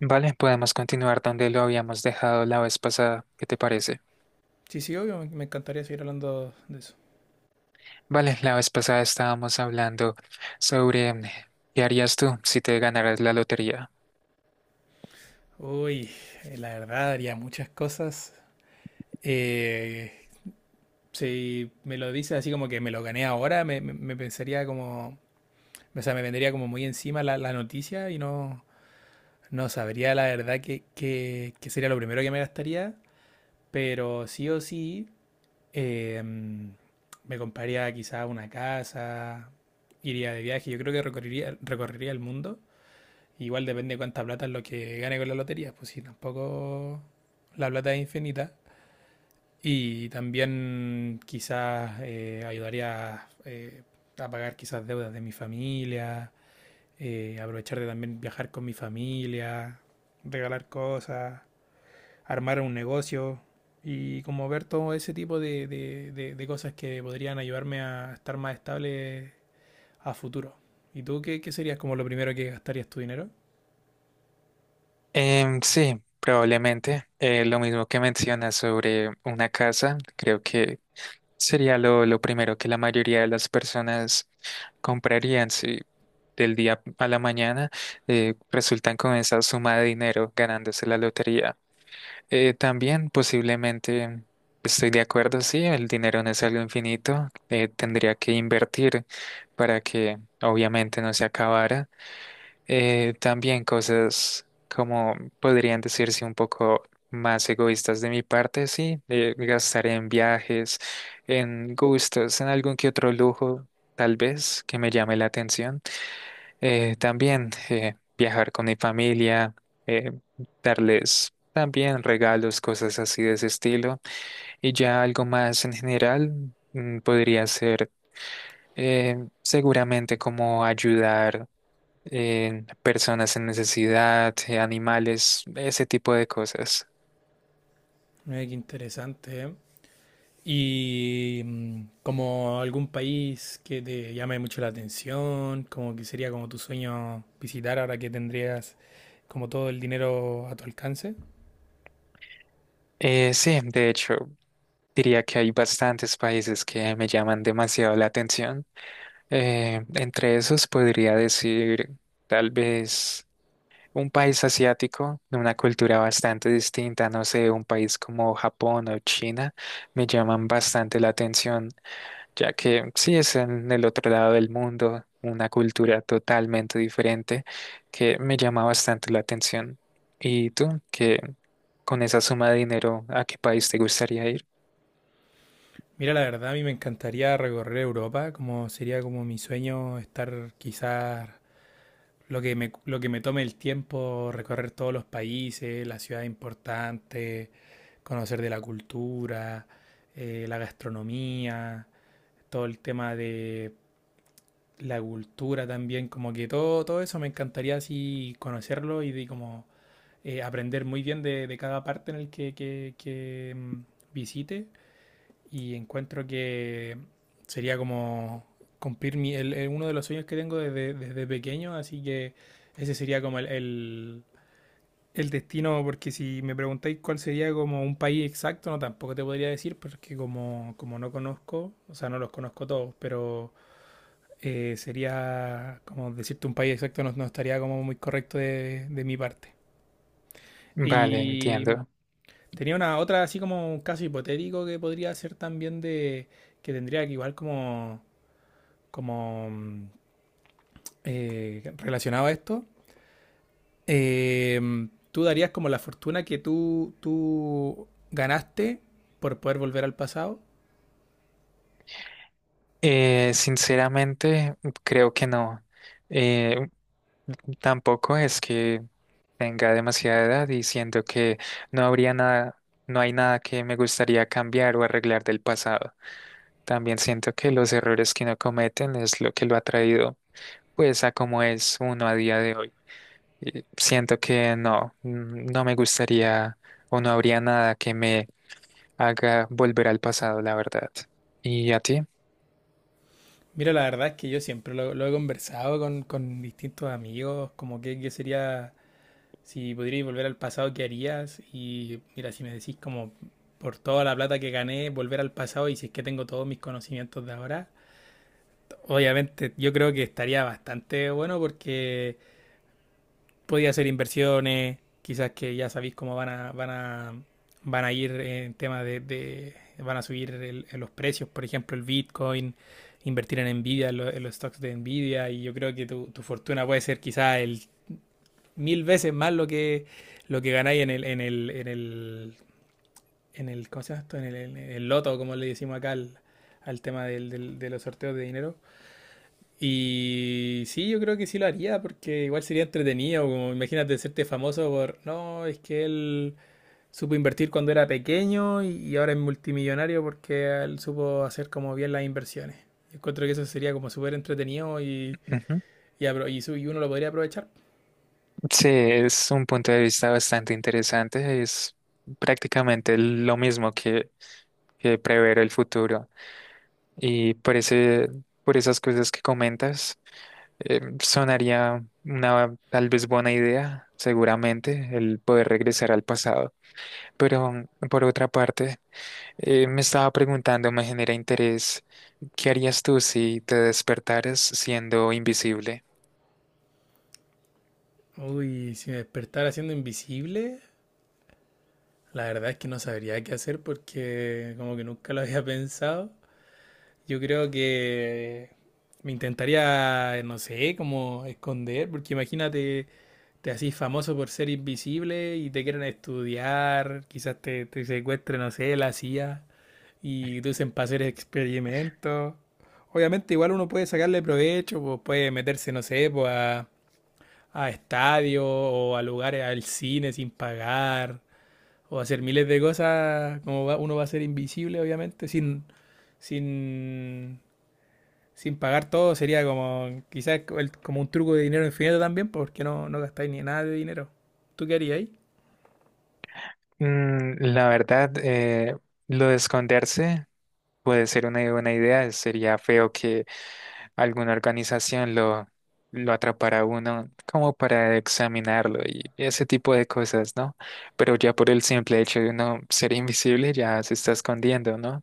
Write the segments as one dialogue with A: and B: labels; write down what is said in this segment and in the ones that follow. A: Vale, podemos continuar donde lo habíamos dejado la vez pasada. ¿Qué te parece?
B: Sí, sí, obvio, me encantaría seguir hablando de eso.
A: Vale, la vez pasada estábamos hablando sobre qué harías tú si te ganaras la lotería.
B: Uy, la verdad haría muchas cosas. Eh, si me lo dices así como que me lo gané ahora, me pensaría como, o sea, me vendría como muy encima la noticia y no, no sabría la verdad que sería lo primero que me gastaría, pero sí o sí me compraría quizá una casa, iría de viaje, yo creo que recorrería el mundo. Igual depende de cuánta plata es lo que gane con la lotería, pues si tampoco la plata es infinita. Y también quizás ayudaría a pagar quizás deudas de mi familia, aprovechar de también viajar con mi familia, regalar cosas, armar un negocio y como ver todo ese tipo de cosas que podrían ayudarme a estar más estable a futuro. ¿Y tú qué, qué serías como lo primero que gastarías tu dinero?
A: Sí, probablemente. Lo mismo que mencionas sobre una casa, creo que sería lo primero que la mayoría de las personas comprarían si del día a la mañana resultan con esa suma de dinero ganándose la lotería. También posiblemente estoy de acuerdo, sí, el dinero no es algo infinito, tendría que invertir para que obviamente no se acabara. También cosas como podrían decirse un poco más egoístas de mi parte, sí, gastar en viajes, en gustos, en algún que otro lujo, tal vez, que me llame la atención. Eh, también, viajar con mi familia, eh, darles también regalos, cosas así de ese estilo. Y ya algo más en general podría ser seguramente como ayudar, personas en necesidad, animales, ese tipo de cosas.
B: Mira, qué interesante, ¿eh? Y como algún país que te llame mucho la atención, como que sería como tu sueño visitar ahora que tendrías como todo el dinero a tu alcance.
A: Sí, de hecho, diría que hay bastantes países que me llaman demasiado la atención. Entre esos podría decir tal vez un país asiático, de una cultura bastante distinta, no sé, un país como Japón o China, me llaman bastante la atención, ya que sí es en el otro lado del mundo, una cultura totalmente diferente que me llama bastante la atención. ¿Y tú, que con esa suma de dinero, a qué país te gustaría ir?
B: Mira, la verdad a mí me encantaría recorrer Europa, como sería como mi sueño estar quizás lo que me tome el tiempo, recorrer todos los países, las ciudades importantes, conocer de la cultura, la gastronomía, todo el tema de la cultura también, como que todo eso me encantaría así conocerlo y de como aprender muy bien de cada parte en el que, visite y encuentro que sería como cumplir uno de los sueños que tengo desde pequeño, así que ese sería como el destino, porque si me preguntáis cuál sería como un país exacto, no, tampoco te podría decir, porque como no conozco, o sea, no los conozco todos, pero sería, como decirte un país exacto, no, no estaría como muy correcto de mi parte.
A: Vale,
B: Y
A: entiendo.
B: tenía una otra, así como un caso hipotético que podría ser también de que tendría que igual como, como relacionado a esto. eh, Tú darías como la fortuna que tú ganaste por poder volver al pasado.
A: Sinceramente, creo que no. Eh, Tampoco es que tenga demasiada edad y siento que no habría nada, no hay nada que me gustaría cambiar o arreglar del pasado. También siento que los errores que no cometen es lo que lo ha traído pues a como es uno a día de hoy. Y siento que no, no me gustaría o no habría nada que me haga volver al pasado, la verdad. ¿Y a ti?
B: Mira, la verdad es que yo siempre lo he conversado con distintos amigos, como que sería si pudierais volver al pasado, ¿qué harías? Y mira, si me decís como por toda la plata que gané, volver al pasado y si es que tengo todos mis conocimientos de ahora, obviamente yo creo que estaría bastante bueno porque podía hacer inversiones, quizás que ya sabéis cómo van a ir en temas van a subir el- los precios, por ejemplo, el Bitcoin, invertir en Nvidia, en, lo- en los stocks de Nvidia, y yo creo que tu fortuna puede ser quizás el mil veces más lo que ganáis en ¿cómo se llama esto? En en el loto, como le decimos acá al, al tema de los sorteos de dinero. Y sí, yo creo que sí lo haría, porque igual sería entretenido, como imagínate serte famoso por, no, es que él supo invertir cuando era pequeño y ahora es multimillonario porque él supo hacer como bien las inversiones. Encuentro que eso sería como súper entretenido
A: Ujú.
B: y, y uno lo podría aprovechar.
A: Sí, es un punto de vista bastante interesante. Es prácticamente lo mismo que prever el futuro. Y por ese, por esas cosas que comentas, sonaría una tal vez buena idea, seguramente, el poder regresar al pasado. Pero por otra parte, me estaba preguntando, me genera interés, ¿qué harías tú si te despertaras siendo invisible?
B: Uy, si me despertara siendo invisible, la verdad es que no sabría qué hacer porque como que nunca lo había pensado. Yo creo que me intentaría, no sé, como esconder, porque imagínate, te haces famoso por ser invisible y te quieren estudiar, quizás te secuestre, no sé, la CIA y te usen para hacer experimentos. Obviamente igual uno puede sacarle provecho, pues puede meterse, no sé, pues a estadios o a lugares, al cine sin pagar o hacer miles de cosas, como va- uno va a ser invisible, obviamente, sin, sin pagar todo, sería como quizás el- como un truco de dinero infinito también, porque no, no gastáis ni nada de dinero. ¿Tú qué harías ahí?
A: La verdad, lo de esconderse puede ser una buena idea, sería feo que alguna organización lo atrapará a uno como para examinarlo y ese tipo de cosas, ¿no? Pero ya por el simple hecho de uno ser invisible ya se está escondiendo, ¿no?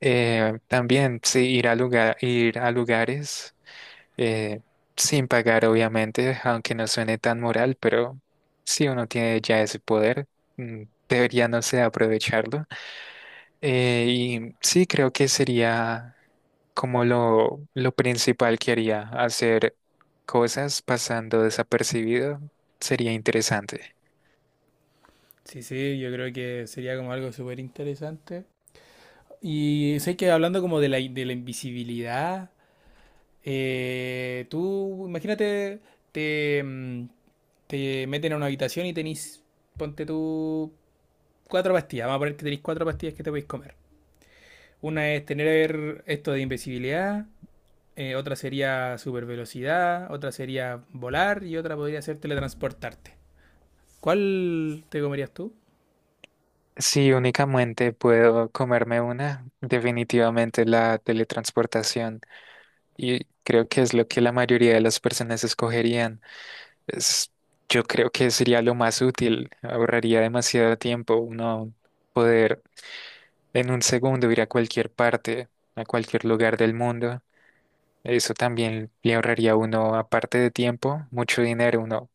A: También sí, ir a lugares, eh, sin pagar, obviamente, aunque no suene tan moral, pero si uno tiene ya ese poder, mm, debería, no sé, aprovecharlo. Y sí, creo que sería como lo principal que haría, hacer cosas pasando desapercibido, sería interesante.
B: Sí, sí, yo creo que sería como algo súper interesante. Y sé que hablando como de la, in- de la invisibilidad, tú imagínate, te, te meten a una habitación y tenís, ponte tú, cuatro pastillas, vamos a poner que tenéis cuatro pastillas que te podéis comer. Una es tener esto de invisibilidad, otra sería supervelocidad, otra sería volar y otra podría ser teletransportarte. ¿Cuál te comerías tú?
A: Si únicamente puedo comerme una, definitivamente la teletransportación. Y creo que es lo que la mayoría de las personas escogerían. Es- yo creo que sería lo más útil. Ahorraría demasiado tiempo uno poder en un segundo ir a cualquier parte, a cualquier lugar del mundo. Eso también le ahorraría a uno, aparte de tiempo, mucho dinero. Uno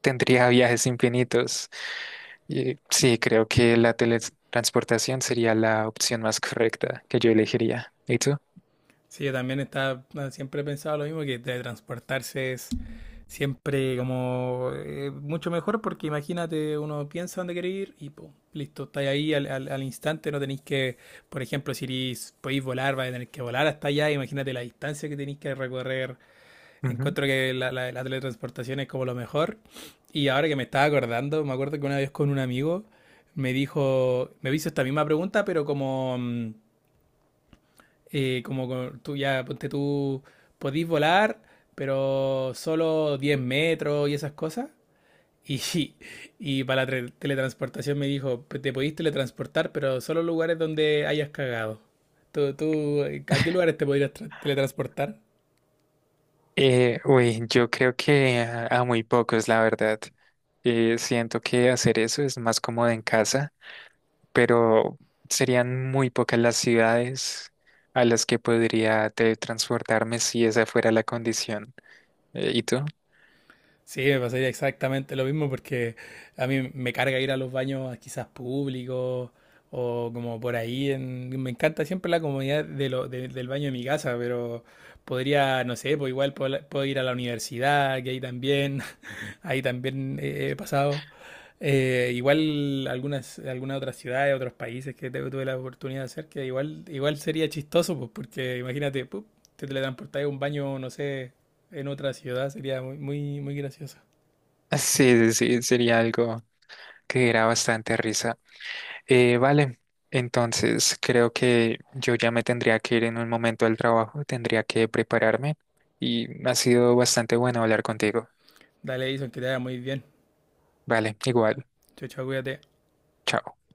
A: tendría viajes infinitos. Y sí, creo que la teletransportación sería la opción más correcta que yo elegiría. ¿Y tú?
B: Sí, yo también estaba, siempre he pensado lo mismo, que teletransportarse es siempre como mucho mejor porque imagínate, uno piensa dónde quiere ir y pum, listo, estáis ahí al, al instante, no tenéis que, por ejemplo, si irís- podéis volar, vais a tener que volar hasta allá, imagínate la distancia que tenéis que recorrer.
A: Ujú.
B: Encuentro que la teletransportación es como lo mejor. Y ahora que me estaba acordando, me acuerdo que una vez con un amigo me dijo, me hizo esta misma pregunta, pero como, como con- tú ya, ponte tú, podís volar, pero solo 10 metros y esas cosas. Y y para la tre- teletransportación me dijo: "Pues te podís teletransportar, pero solo lugares donde hayas cagado". ¿Tú, tú, a qué lugares te podrías tra- teletransportar?
A: Uy, yo creo que a muy pocos, la verdad. Siento que hacer eso es más cómodo en casa, pero serían muy pocas las ciudades a las que podría teletransportarme si esa fuera la condición. ¿Y tú?
B: Sí, me pasaría exactamente lo mismo porque a mí me carga ir a los baños quizás públicos o como por ahí. En- me encanta siempre la comodidad de lo- de- del baño de mi casa, pero podría, no sé, pues igual puedo, puedo ir a la universidad, que ahí también, ahí también he pasado. Igual algunas otras ciudades, otros países que te- tuve la oportunidad de hacer, que igual, igual sería chistoso, pues porque imagínate, pup, te teletransportas a un baño, no sé, en otra ciudad, sería muy gracioso.
A: Sí, sí, sí, sería algo que diera bastante risa. Vale, entonces creo que yo ya me tendría que ir en un momento al trabajo, tendría que prepararme y ha sido bastante bueno hablar contigo.
B: Dale, Edison, que te vaya muy bien.
A: Vale, igual,
B: Chao, chao, cuídate.
A: chao.